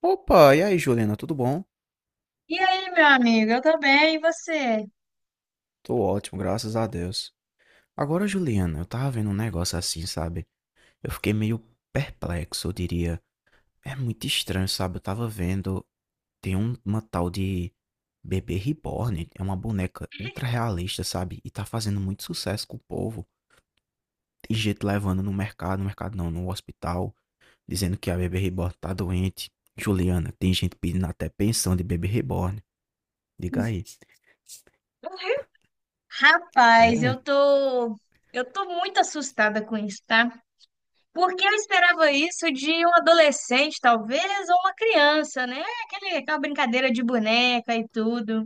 Opa, e aí, Juliana, tudo bom? E aí, meu amigo? Eu tô bem, e você? Tô ótimo, graças a Deus. Agora, Juliana, eu tava vendo um negócio assim, sabe? Eu fiquei meio perplexo, eu diria. É muito estranho, sabe? Eu tava vendo. Tem uma tal de Bebê Reborn, é uma boneca ultra realista, sabe? E tá fazendo muito sucesso com o povo. Tem gente levando no mercado, no mercado não, no hospital, dizendo que a Bebê Reborn tá doente. Juliana, tem gente pedindo até pensão de Bebê Reborn. Diga aí. Rapaz, É. eu tô muito assustada com isso, tá? Porque eu esperava isso de um adolescente, talvez, ou uma criança, né? Aquela brincadeira de boneca e tudo.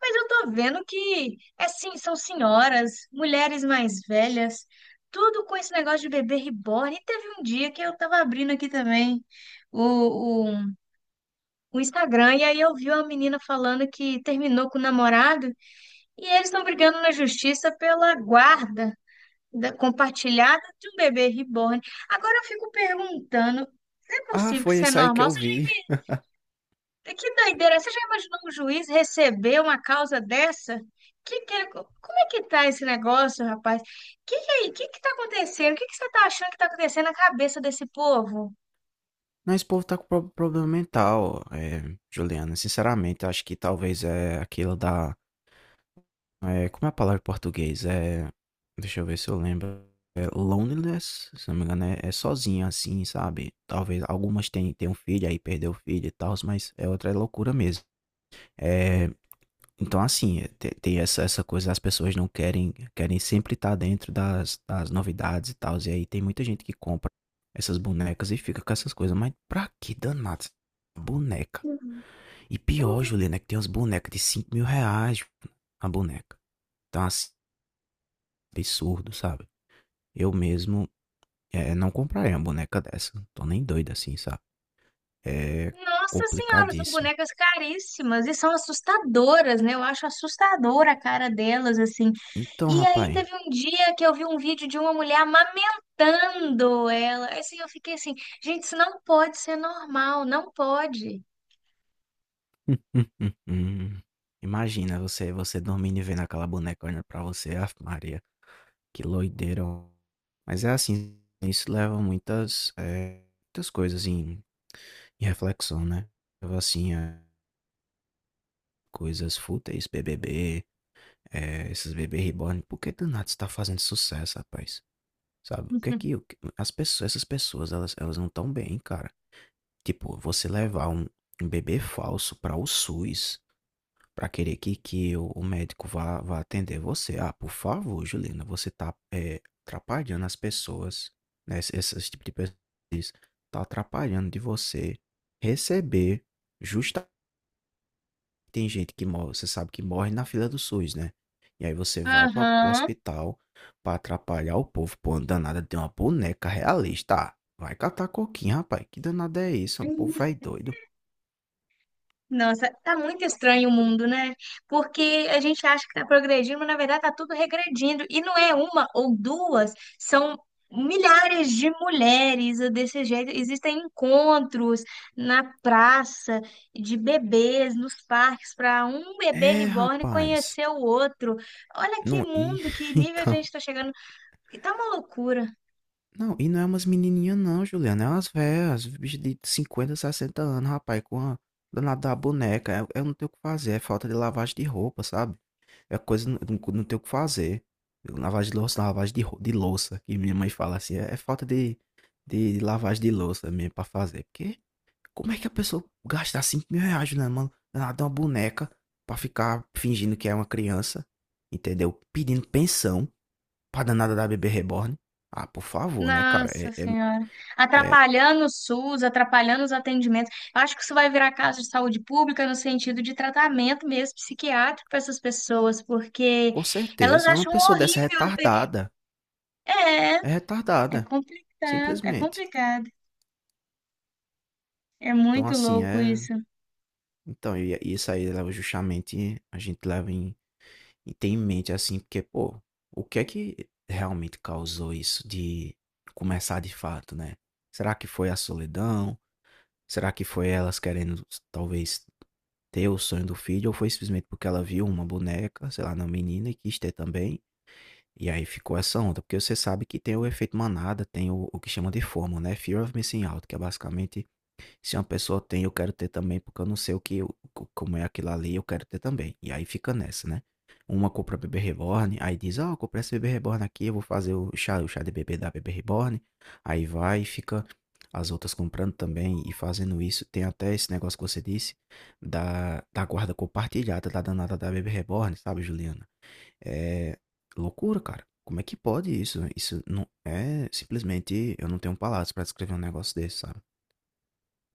Mas eu tô vendo que, é sim, são senhoras, mulheres mais velhas, tudo com esse negócio de bebê reborn. E teve um dia que eu tava abrindo aqui também o, o o Instagram, e aí eu vi uma menina falando que terminou com o namorado. E eles estão brigando na justiça pela guarda compartilhada de um bebê reborn. Agora eu fico perguntando, é Ah, possível que foi isso é esse aí que normal? eu Você vi. Que doideira! Você já imaginou um juiz receber uma causa dessa? Como é que tá esse negócio, rapaz? Que tá acontecendo? O que que você tá achando que tá acontecendo na cabeça desse povo? Não, esse povo tá com problema mental, Juliana. Sinceramente, acho que talvez é aquilo da. Como é a palavra em português? É, deixa eu ver se eu lembro. É loneliness, se não me engano, é, é sozinha assim, sabe? Talvez algumas têm, têm um filho, aí perdeu o filho e tal, mas é outra loucura mesmo. É, então, assim, eh, te tem essa essa coisa, as pessoas não querem querem sempre estar dentro das das novidades e tals, e aí tem muita gente que compra essas bonecas e fica com essas coisas, mas pra que danado essa boneca? Uhum. E pior, Juliana, é que tem umas bonecas de 5.000 R$5.000 a boneca. Então, assim, absurdo, sabe. Eu mesmo, não compraria uma boneca dessa, tô nem doido assim, sabe. É Nossa Senhora, são complicadíssimo. bonecas caríssimas e são assustadoras, né? Eu acho assustadora a cara delas, assim. Então, E aí rapaz. teve um dia que eu vi um vídeo de uma mulher amamentando ela. Assim, eu fiquei assim, gente, isso não pode ser normal, não pode. Uhum. Imagina você você dormindo e vendo aquela boneca olhando pra você, ave Maria, que loideira. Mas é assim, isso leva muitas, muitas coisas em em reflexão, né. Leva assim a coisas fúteis, BBB, esses bebê reborn, por que do nada isso tá fazendo sucesso, rapaz? Sabe, o que é que o que as pessoas essas pessoas elas elas não estão bem, cara. Tipo, você levar um um bebê falso para o SUS, para querer que o médico vá vá atender você. Ah, por favor, Juliana, você tá, atrapalhando as pessoas, né, esse esse tipo de pessoas, tá atrapalhando de você receber justamente. Tem gente que morre, você sabe que morre na fila do SUS, né, e aí você vai para o Aham. hospital para atrapalhar o povo. Pô, uma danada de uma boneca realista. Ah, vai catar coquinho, rapaz, que danada é isso? É. Um povo vai doido. Nossa, tá muito estranho o mundo, né? Porque a gente acha que tá progredindo, mas na verdade tá tudo regredindo. E não é uma ou duas, são milhares de mulheres desse jeito. Existem encontros na praça de bebês, nos parques, para um bebê É, reborn rapaz. conhecer o outro. Olha que Não, e mundo, que nível a então. gente tá chegando. E tá uma loucura. Não, e não é umas menininhas não, Juliana. É umas velhas, bicho de 50, 60 anos, rapaz, com a danada da boneca. Eu não tenho o que fazer, é falta de lavagem de roupa, sabe? É coisa, não, não não tenho o que fazer. Lavagem de louça, não, lavagem de, de louça, que minha mãe fala assim, é, é falta de lavagem de louça mesmo pra fazer. Porque como é que a pessoa gasta 5.000 reais, Juliana, mano, danada uma boneca pra ficar fingindo que é uma criança, entendeu? Pedindo pensão pra danada da bebê reborn. Ah, por favor, né, cara? Nossa Senhora. é, Atrapalhando o SUS, atrapalhando os atendimentos. Eu acho que isso vai virar caso de saúde pública no sentido de tratamento mesmo psiquiátrico para essas pessoas, porque com elas certeza. Uma acham pessoa dessa é horrível. retardada. É, É é retardada. complicado, é Simplesmente. complicado. É Então, muito assim, louco é. isso. Então, e isso aí leva justamente. A gente leva em. E tem em mente, assim, porque, pô, o que é que realmente causou isso de começar de fato, né? Será que foi a solidão? Será que foi elas querendo, talvez, ter o sonho do filho? Ou foi simplesmente porque ela viu uma boneca, sei lá, na menina e quis ter também? E aí ficou essa onda, porque você sabe que tem o efeito manada, tem o que chama de FOMO, né? Fear of Missing Out, que é basicamente se uma pessoa tem, eu quero ter também, porque eu não sei o que, como é aquilo ali, eu quero ter também. E aí fica nessa, né? Uma compra bebê reborn, aí diz, ó, eu comprei esse bebê reborn aqui, eu vou fazer o chá de bebê da bebê reborn. Aí vai e fica as outras comprando também e fazendo isso. Tem até esse negócio que você disse da guarda compartilhada da danada da bebê reborn, sabe, Juliana? É loucura, cara. Como é que pode isso? Isso não é simplesmente. Eu não tenho palavras pra descrever um negócio desse, sabe?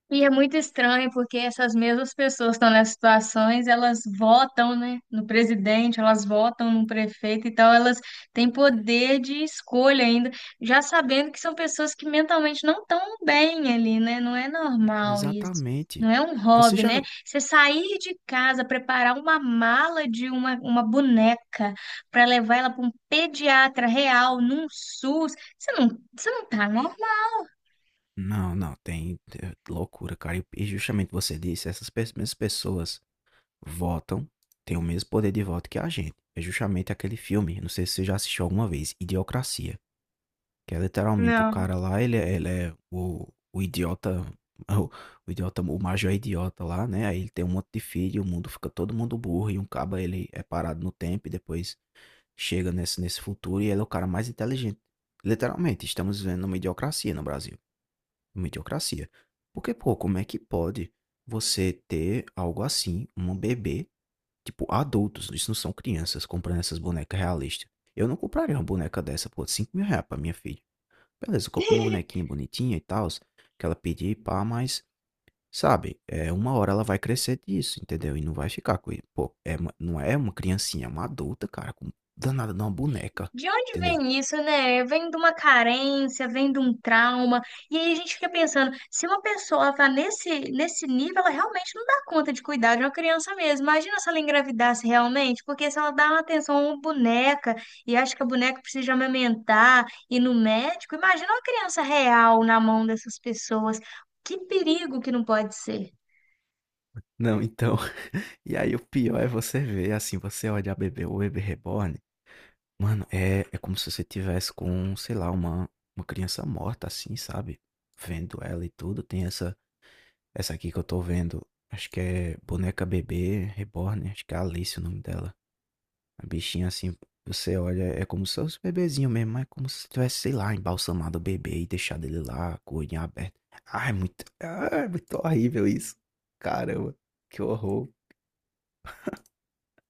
E é muito estranho porque essas mesmas pessoas que estão nessas situações, elas votam, né, no presidente, elas votam no prefeito então elas têm poder de escolha ainda, já sabendo que são pessoas que mentalmente não estão bem ali, né? Não é normal isso. Exatamente. Não é um Você hobby, já. né? Não, Você sair de casa, preparar uma mala de uma boneca para levar ela para um pediatra real, num SUS, você não, você não tá normal. não, não tem. É loucura, cara. E justamente você disse, mesmas pessoas votam, têm o mesmo poder de voto que a gente. É justamente aquele filme, não sei se você já assistiu alguma vez, Idiocracia. Que é literalmente o Não. cara lá, ele é o idiota, o, o idiota, o Major é idiota lá, né? Aí ele tem um monte de filho, o mundo fica todo mundo burro, e um caba ele é parado no tempo e depois chega nesse futuro e ele é o cara mais inteligente. Literalmente, estamos vivendo uma idiocracia no Brasil. Uma idiocracia. Porque, pô, como é que pode você ter algo assim, um bebê, tipo, adultos, isso não são crianças, comprando essas bonecas realistas. Eu não compraria uma boneca dessa, pô, 5.000 reais pra minha filha. Beleza, eu compro uma bonequinha bonitinha e tal, que ela pedir, pá, mas, sabe, é, uma hora ela vai crescer disso, entendeu? E não vai ficar com ele. Pô, é, não é uma criancinha, é uma adulta, cara, com danada de uma boneca, De onde entendeu? vem isso, né? Vem de uma carência, vem de um trauma. E aí a gente fica pensando, se uma pessoa tá nesse nível, ela realmente não dá conta de cuidar de uma criança mesmo. Imagina se ela engravidasse realmente, porque se ela dá uma atenção a uma boneca e acha que a boneca precisa amamentar, ir no médico, imagina uma criança real na mão dessas pessoas. Que perigo que não pode ser. Não, então, e aí o pior é você ver, assim, você olha a bebê, o bebê reborn, mano, é, é como se você tivesse com, sei lá, uma criança morta, assim, sabe? Vendo ela e tudo, tem essa aqui que eu tô vendo, acho que é boneca bebê reborn, acho que é Alice o nome dela. A bichinha assim, você olha, é como se fosse um bebezinho mesmo, mas é como se tivesse, sei lá, embalsamado o bebê e deixado ele lá, com o olhinho aberto. Ai, muito horrível isso. Caramba, que horror.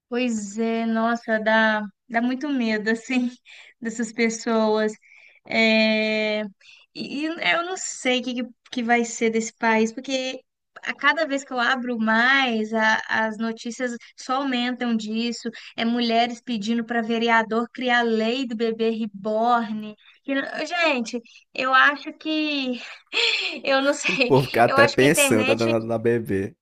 Pois é, nossa, dá muito medo, assim, dessas pessoas. É, e eu não sei o que, que vai ser desse país, porque a cada vez que eu abro mais, as notícias só aumentam disso. É mulheres pedindo para vereador criar lei do bebê reborn. E, gente, eu acho que eu não O sei. povo fica Eu até acho que a pensando, tá internet danado na bebê.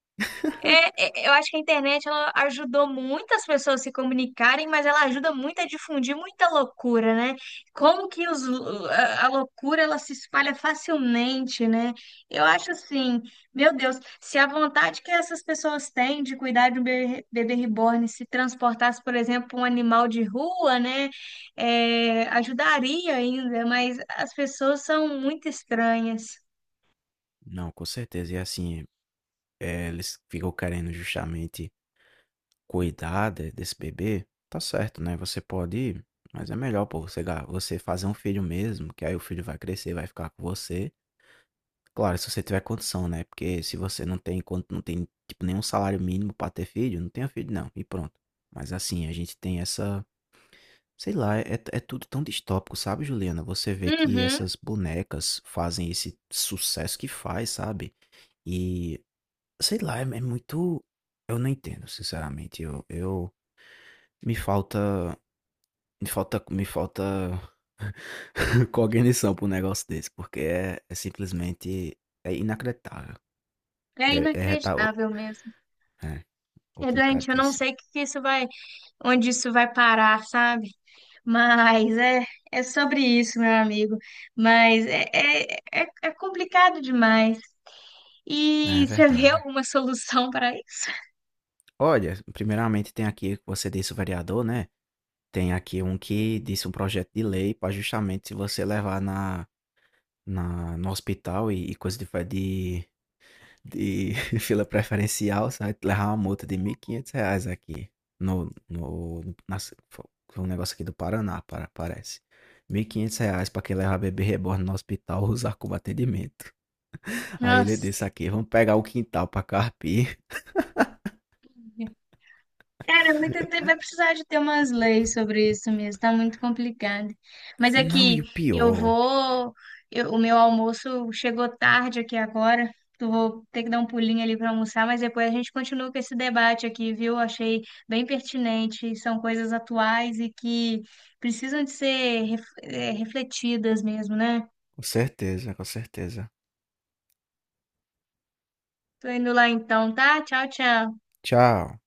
eu acho que a internet ela ajudou muitas pessoas a se comunicarem, mas ela ajuda muito a difundir muita loucura, né? Como que os, a loucura ela se espalha facilmente, né? Eu acho assim, meu Deus, se a vontade que essas pessoas têm de cuidar de um bebê reborn se transportasse, por exemplo, pra um animal de rua, né? É, ajudaria ainda, mas as pessoas são muito estranhas. Não, com certeza. E assim, é, eles ficam querendo justamente cuidar desse bebê. Tá certo, né? Você pode ir, mas é melhor, pô, você, você fazer um filho mesmo, que aí o filho vai crescer, vai ficar com você. Claro, se você tiver condição, né, porque se você não tem quando não tem, tipo, nenhum salário mínimo pra ter filho, não tenha filho não, e pronto. Mas assim, a gente tem essa. Sei lá, é tudo tão distópico, sabe, Juliana? Você vê que Uhum, essas bonecas fazem esse sucesso que faz, sabe? E sei lá, é muito. Eu não entendo, sinceramente, eu me falta me falta cognição pra um negócio desse, porque é é simplesmente é inacreditável. é É é retal inacreditável mesmo. É, É doente, eu não complicadíssimo. sei que isso vai, onde isso vai parar, sabe? Mas é, é sobre isso, meu amigo. Mas é complicado demais. É E você vê verdade. alguma solução para isso? Olha, primeiramente tem aqui que você disse o vereador, né? Tem aqui um que disse um projeto de lei para justamente se você levar no hospital e coisa de, de fila preferencial, você vai levar uma multa de 1.500 reais aqui no, no, nas- fo- foi um negócio aqui do Paraná, para, parece. 1.500 reais para quem levar bebê reborn no hospital usar como atendimento. Aí ele disse Nossa. aqui, vamos pegar o quintal para carpir. Cara, é muito tempo vai precisar de ter umas leis sobre isso mesmo, tá muito complicado. Mas é Não, e que o eu pior. vou, o meu almoço chegou tarde aqui agora, eu vou ter que dar um pulinho ali para almoçar, mas depois a gente continua com esse debate aqui, viu? Achei bem pertinente, e são coisas atuais e que precisam de ser refletidas mesmo, né? Com certeza, com certeza. Tô indo lá então, tá? Tchau, tchau. Tchau.